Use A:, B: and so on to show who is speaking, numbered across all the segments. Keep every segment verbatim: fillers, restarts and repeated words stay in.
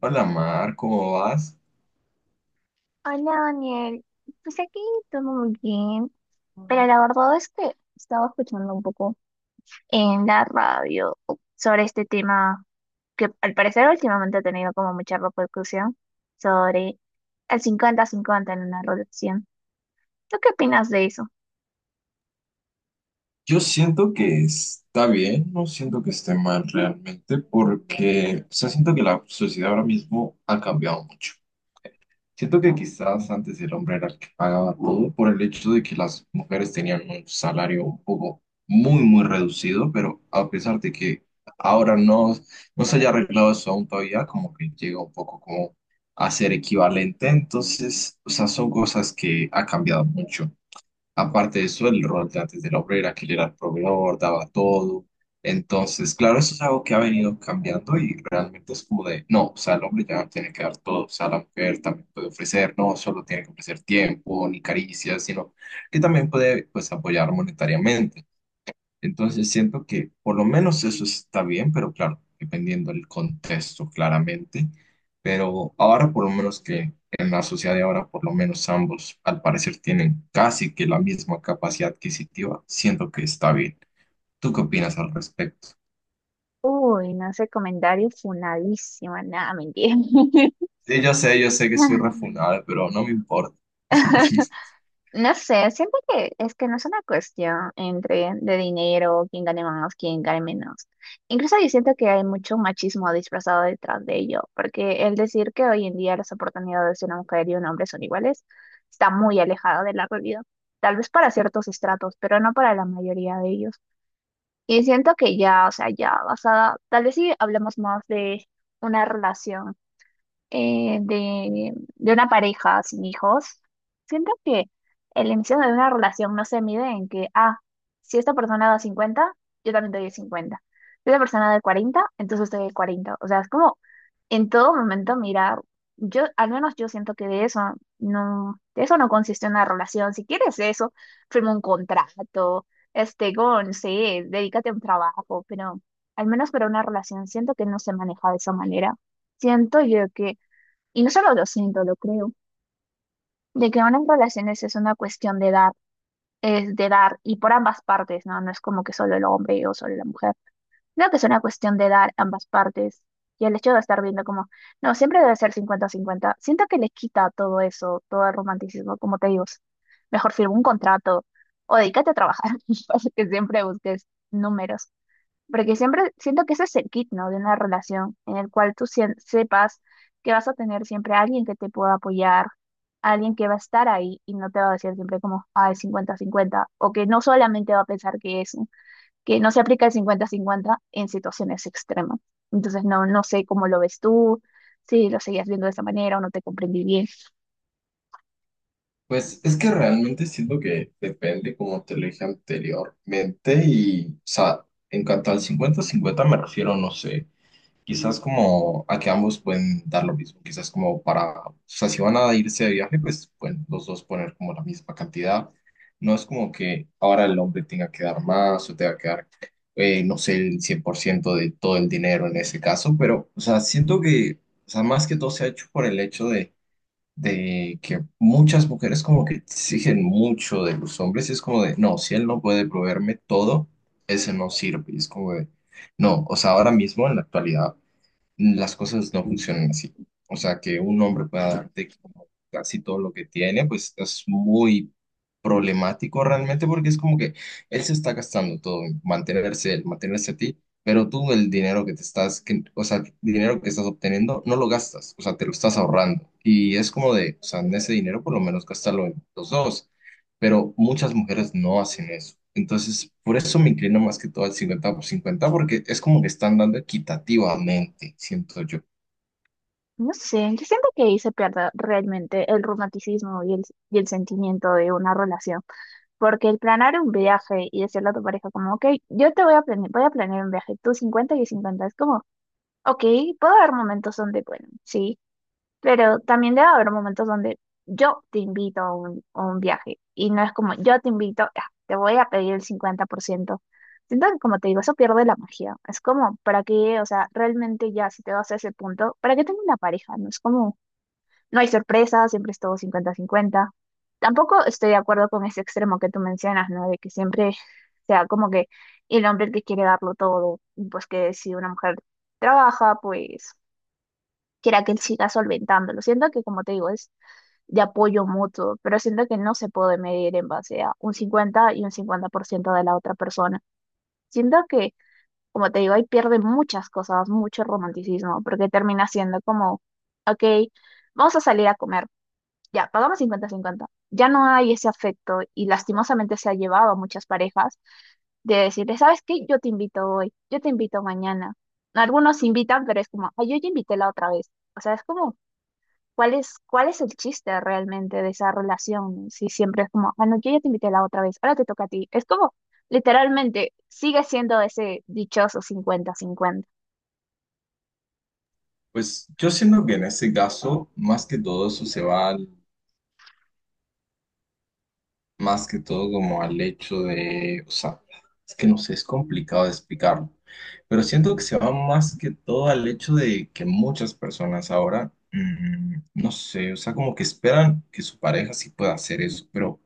A: Hola Mar, ¿cómo vas?
B: Hola Daniel, pues aquí todo muy bien, pero la verdad es que estaba escuchando un poco en la radio sobre este tema que al parecer últimamente ha tenido como mucha repercusión sobre el 50 cincuenta en una relación. ¿Tú qué opinas de eso?
A: Yo siento que está bien, no siento que esté mal realmente, porque, o sea, siento que la sociedad ahora mismo ha cambiado mucho. Siento que quizás antes el hombre era el que pagaba todo por el hecho de que las mujeres tenían un salario un poco muy, muy reducido, pero a pesar de que ahora no, no se haya arreglado eso aún todavía, como que llega un poco como a ser equivalente. Entonces, o sea, son cosas que ha cambiado mucho. Aparte de eso, el rol de antes del obrero, era que él era el proveedor, daba todo. Entonces, claro, eso es algo que ha venido cambiando y realmente es como de, no, o sea, el hombre ya no tiene que dar todo, o sea, la mujer también puede ofrecer, no solo tiene que ofrecer tiempo ni caricias, sino que también puede, pues, apoyar monetariamente. Entonces siento que por lo menos eso está bien, pero claro, dependiendo del contexto, claramente. Pero ahora por lo menos que en la sociedad de ahora, por lo menos ambos al parecer tienen casi que la misma capacidad adquisitiva, siento que está bien. ¿Tú qué opinas al respecto?
B: Uy, no sé, comentario funadísimo, nada, mentira.
A: Sí, yo sé, yo sé que soy refunable, pero no me importa.
B: No sé, siento que es que no es una cuestión entre de dinero, quién gane más, quién gane menos. Incluso yo siento que hay mucho machismo disfrazado detrás de ello, porque el decir que hoy en día las oportunidades de una mujer y un hombre son iguales está muy alejado de la realidad. Tal vez para ciertos estratos, pero no para la mayoría de ellos. Y siento que ya, o sea, ya basada, tal vez si hablamos más de una relación eh, de, de una pareja sin hijos, siento que el inicio de una relación no se mide en que, ah, si esta persona da cincuenta yo también doy el cincuenta. Si esta persona da el cuarenta, entonces doy el cuarenta. O sea, es como en todo momento mirar, yo, al menos yo siento que de eso no, de eso no consiste una relación. Si quieres eso, firma un contrato, este, con, no sé, dedícate a un trabajo, pero al menos para una relación siento que no se maneja de esa manera. Siento yo que, y no solo lo siento, lo creo, de que ahora en relaciones es una cuestión de dar, es de dar, y por ambas partes, ¿no? No es como que solo el hombre o solo la mujer. Creo que es una cuestión de dar ambas partes. Y el hecho de estar viendo como, no, siempre debe ser cincuenta cincuenta. Siento que le quita todo eso, todo el romanticismo, como te digo. Mejor firma un contrato o dedícate a trabajar, para que siempre busques números. Porque siempre siento que ese es el kit, ¿no? De una relación en el cual tú sien- sepas que vas a tener siempre a alguien que te pueda apoyar, alguien que va a estar ahí y no te va a decir siempre como, ah, es cincuenta-cincuenta, o que no solamente va a pensar que es, que no se aplica el cincuenta-cincuenta en situaciones extremas. Entonces, no, no sé cómo lo ves tú, si lo seguías viendo de esa manera o no te comprendí bien.
A: Pues es que realmente siento que depende, como te lo dije anteriormente, y, o sea, en cuanto al cincuenta 50 me refiero, no sé. Quizás como a que ambos pueden dar lo mismo, quizás como para, o sea, si van a irse de viaje, pues pueden los dos poner como la misma cantidad. No es como que ahora el hombre tenga que dar más o tenga que dar, eh, no sé, el cien por ciento de todo el dinero en ese caso, pero, o sea, siento que, o sea, más que todo se ha hecho por el hecho de, de que muchas mujeres como que exigen mucho de los hombres y es como de, no, si él no puede proveerme todo, ese no sirve. Y es como de... No, o sea, ahora mismo en la actualidad las cosas no funcionan así. O sea, que un hombre pueda darte como casi todo lo que tiene, pues es muy problemático realmente porque es como que él se está gastando todo en mantenerse él, mantenerse a ti, pero tú el dinero que te estás, que, o sea, el dinero que estás obteniendo no lo gastas, o sea, te lo estás ahorrando. Y es como de, o sea, en ese dinero por lo menos gastarlo en los dos pero muchas mujeres no hacen eso. Entonces, por eso me inclino más que todo al cincuenta por cincuenta porque es como que están dando equitativamente, siento yo.
B: No sé, yo siento que ahí se pierde realmente el romanticismo y el, y el sentimiento de una relación. Porque el planear un viaje y decirle a tu pareja como, ok, yo te voy a planear, voy a planear un viaje, tú cincuenta y yo cincuenta, es como, ok, puede haber momentos donde, bueno, sí, pero también debe haber momentos donde yo te invito a un, a un viaje y no es como, yo te invito, ah, te voy a pedir el cincuenta por ciento. Siento que, como te digo, eso pierde la magia. Es como, ¿para qué? O sea, realmente ya si te vas a ese punto, ¿para qué tengo una pareja? No es como, no hay sorpresas, siempre es todo cincuenta cincuenta. Tampoco estoy de acuerdo con ese extremo que tú mencionas, ¿no? De que siempre sea como que el hombre el que quiere darlo todo, y pues que si una mujer trabaja, pues quiera que él siga solventándolo. Siento que, como te digo, es de apoyo mutuo, pero siento que no se puede medir en base a un cincuenta y un cincuenta por ciento de la otra persona. Siento que, como te digo, ahí pierde muchas cosas, mucho romanticismo, porque termina siendo como, ok, vamos a salir a comer ya, pagamos cincuenta cincuenta. Ya no hay ese afecto y lastimosamente se ha llevado a muchas parejas de decirle, ¿sabes qué? Yo te invito hoy, yo te invito mañana. Algunos invitan, pero es como, ay, yo ya invité la otra vez. O sea, es como, ¿cuál es, ¿cuál es el chiste realmente de esa relación? Si siempre es como, ah, no, yo ya te invité la otra vez, ahora te toca a ti. Es como, literalmente, sigue siendo ese dichoso cincuenta cincuenta.
A: Pues yo siento que en este caso, más que todo eso se va al- más que todo como al hecho de, o sea, es que no sé, es complicado de explicarlo, pero siento que se va más que todo al hecho de que muchas personas ahora, mm, no sé, o sea, como que esperan que su pareja sí pueda hacer eso, pero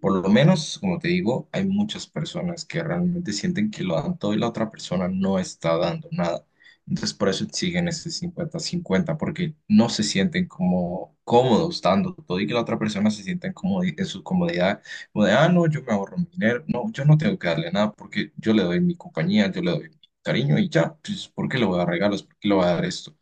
A: por lo menos, como te digo, hay muchas personas que realmente sienten que lo dan todo y la otra persona no está dando nada. Entonces, por eso exigen ese cincuenta-cincuenta porque no se sienten como cómodos dando todo y que la otra persona se sienta en, comodi- en su comodidad, como de, ah, no, yo me ahorro mi dinero, no, yo no tengo que darle nada porque yo le doy mi compañía, yo le doy mi cariño y ya, pues, ¿por qué le voy a dar regalos? ¿Por qué le voy a dar esto?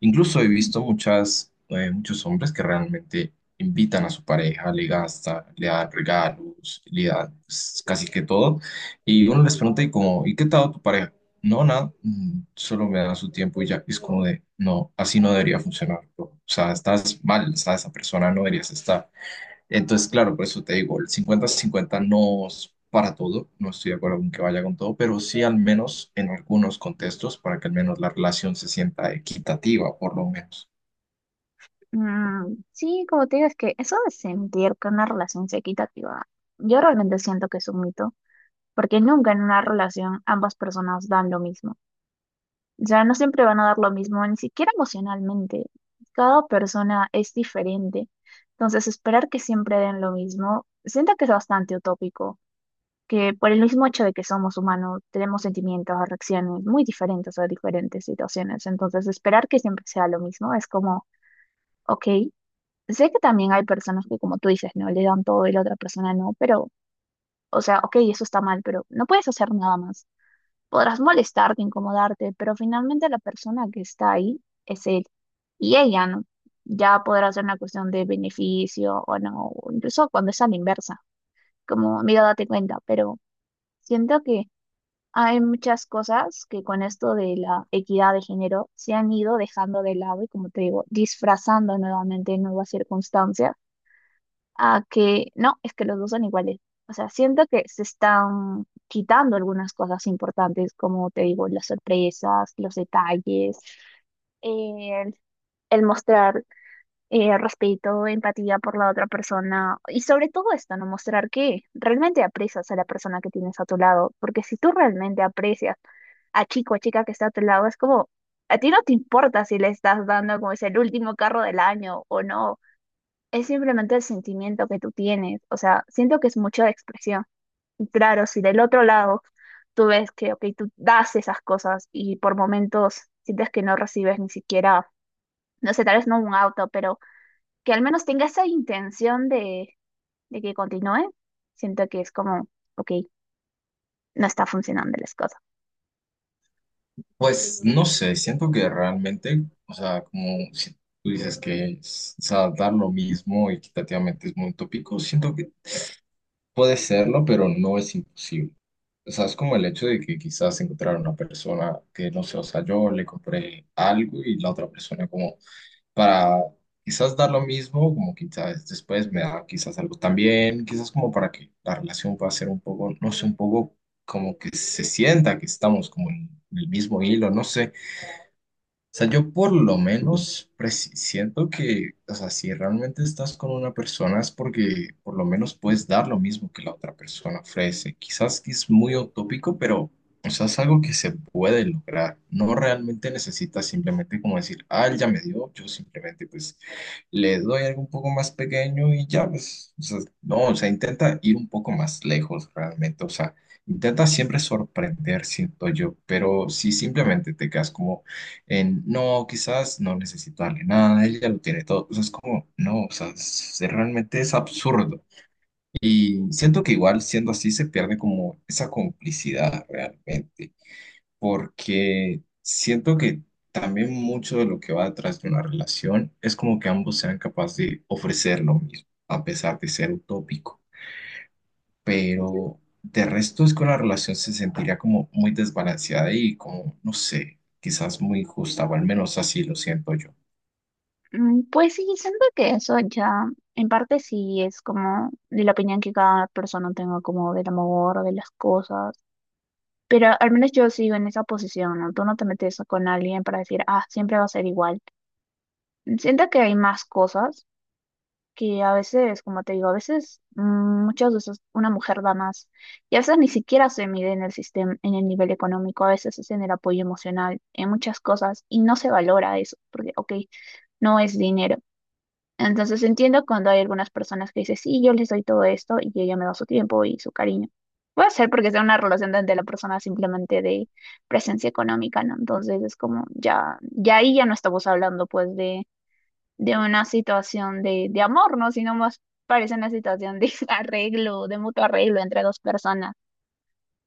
A: Incluso he visto muchas, eh, muchos hombres que realmente invitan a su pareja, le gasta, le dan regalos, le dan pues, casi que todo. Y uno les pregunta, ¿y cómo, ¿y qué tal tu pareja? No, nada, mm, solo me da su tiempo y ya. Y es como de, no, así no debería funcionar, bro. O sea, estás mal, o sea, esa persona no deberías estar. Entonces, claro, por eso te digo, el cincuenta cincuenta no es para todo, no estoy de acuerdo con que vaya con todo, pero sí al menos en algunos contextos para que al menos la relación se sienta equitativa, por lo menos.
B: Mm, sí, como te digo, es que eso de sentir que una relación sea equitativa, yo realmente siento que es un mito. Porque nunca en una relación ambas personas dan lo mismo. O sea, no siempre van a dar lo mismo, ni siquiera emocionalmente. Cada persona es diferente. Entonces, esperar que siempre den lo mismo, siento que es bastante utópico, que por el mismo hecho de que somos humanos, tenemos sentimientos, reacciones muy diferentes a diferentes situaciones. Entonces, esperar que siempre sea lo mismo es como, ok, sé que también hay personas que, como tú dices, no le dan todo y la otra persona no, pero, o sea, ok, eso está mal, pero no puedes hacer nada más. Podrás molestarte, incomodarte, pero finalmente la persona que está ahí es él y ella, ¿no? Ya podrá ser una cuestión de beneficio o no, o incluso cuando es a la inversa, como, mira, date cuenta, pero siento que hay muchas cosas que con esto de la equidad de género se han ido dejando de lado y, como te digo, disfrazando nuevamente nuevas circunstancias a que no, es que los dos son iguales. O sea, siento que se están quitando algunas cosas importantes, como te digo, las sorpresas, los detalles, el, el mostrar eh, respeto, empatía por la otra persona y sobre todo esto, no mostrar que realmente aprecias a la persona que tienes a tu lado, porque si tú realmente aprecias a chico o chica que está a tu lado, es como, a ti no te importa si le estás dando como es el último carro del año o no, es simplemente el sentimiento que tú tienes. O sea, siento que es mucho de expresión. Y claro, si del otro lado tú ves que, ok, tú das esas cosas y por momentos sientes que no recibes ni siquiera, no sé, tal vez no un auto, pero que al menos tenga esa intención de, de que continúe, siento que es como, ok, no está funcionando las cosas.
A: Pues no sé, siento que realmente, o sea, como si tú dices que es- o sea, dar lo mismo equitativamente es muy utópico, siento que puede serlo, pero no es imposible. O sea, es como el hecho de que quizás encontrar una persona que, no sé, o sea, yo le compré algo y la otra persona como para quizás dar lo mismo, como quizás después me da quizás algo también, quizás como para que la relación pueda ser un poco, no sé, un poco como que se sienta que estamos como en el mismo hilo, no sé sea, yo por lo menos presi- siento que, o sea, si realmente estás con una persona es porque por lo menos puedes dar lo mismo que la otra persona ofrece. Quizás que es muy utópico, pero, o sea, es algo que se puede lograr. No realmente necesitas simplemente como decir, ah, él ya me dio, yo simplemente pues le doy algo un poco más pequeño y ya, pues, o sea, no, o sea, intenta ir un poco más lejos realmente, o sea, intenta siempre sorprender, siento yo, pero si simplemente te quedas como en, no, quizás no necesito darle nada, él ya lo tiene todo. O sea, es como, no, o sea, es- es- realmente es absurdo. Y siento que igual siendo así se pierde como esa complicidad realmente, porque siento que también mucho de lo que va detrás de una relación es como que ambos sean capaces de ofrecer lo mismo, a pesar de ser utópico. Pero de resto es que una relación se sentiría como muy desbalanceada y como, no sé, quizás muy justa, o al menos así lo siento yo.
B: Mm, pues sí, siento que eso ya, en parte sí es como de la opinión que cada persona tenga como del amor, de las cosas. Pero al menos yo sigo en esa posición, ¿no? Tú no te metes con alguien para decir, ah, siempre va a ser igual. Siento que hay más cosas que a veces, como te digo, a veces mm, muchas veces una mujer da más y a veces ni siquiera se mide en el sistema, en el nivel económico, a veces es en el apoyo emocional, en muchas cosas y no se valora eso, porque, ok, no es dinero. Entonces entiendo cuando hay algunas personas que dicen, sí, yo les doy todo esto y ella me da su tiempo y su cariño. Puede ser porque sea una relación donde la persona simplemente de presencia económica, ¿no? Entonces es como, ya, ya ahí ya no estamos hablando pues de, de una situación de, de amor, ¿no? Sino más parece una situación de arreglo, de mutuo arreglo entre dos personas.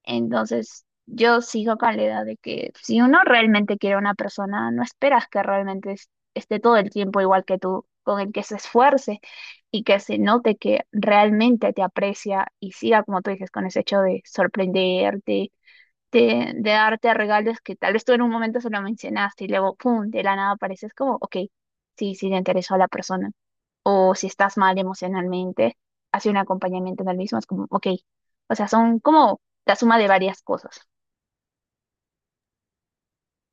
B: Entonces, yo sigo con la idea de que si uno realmente quiere a una persona, no esperas que realmente es- esté todo el tiempo igual que tú, con el que se esfuerce y que se note que realmente te aprecia y siga, como tú dices, con ese hecho de sorprenderte, de, de darte regalos que tal vez tú en un momento se lo mencionaste y luego, pum, de la nada apareces como, ok, sí, sí, le interesó a la persona, o si estás mal emocionalmente, hacer un acompañamiento en el mismo es como, ok, o sea, son como la suma de varias cosas.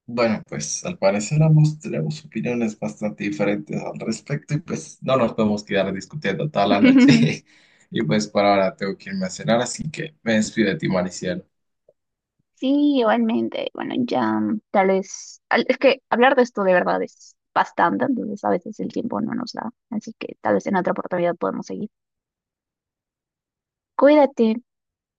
A: Bueno, pues al parecer ambos tenemos opiniones bastante diferentes al respecto y pues no nos podemos quedar discutiendo toda la noche. Y pues por ahora tengo que irme a cenar, así que me despido de ti, Mariciano.
B: Sí, igualmente, bueno, ya mm, tal vez, al- es que hablar de esto de verdad es bastante, entonces a veces el tiempo no nos da, así que tal vez en otra oportunidad podemos seguir. Cuídate.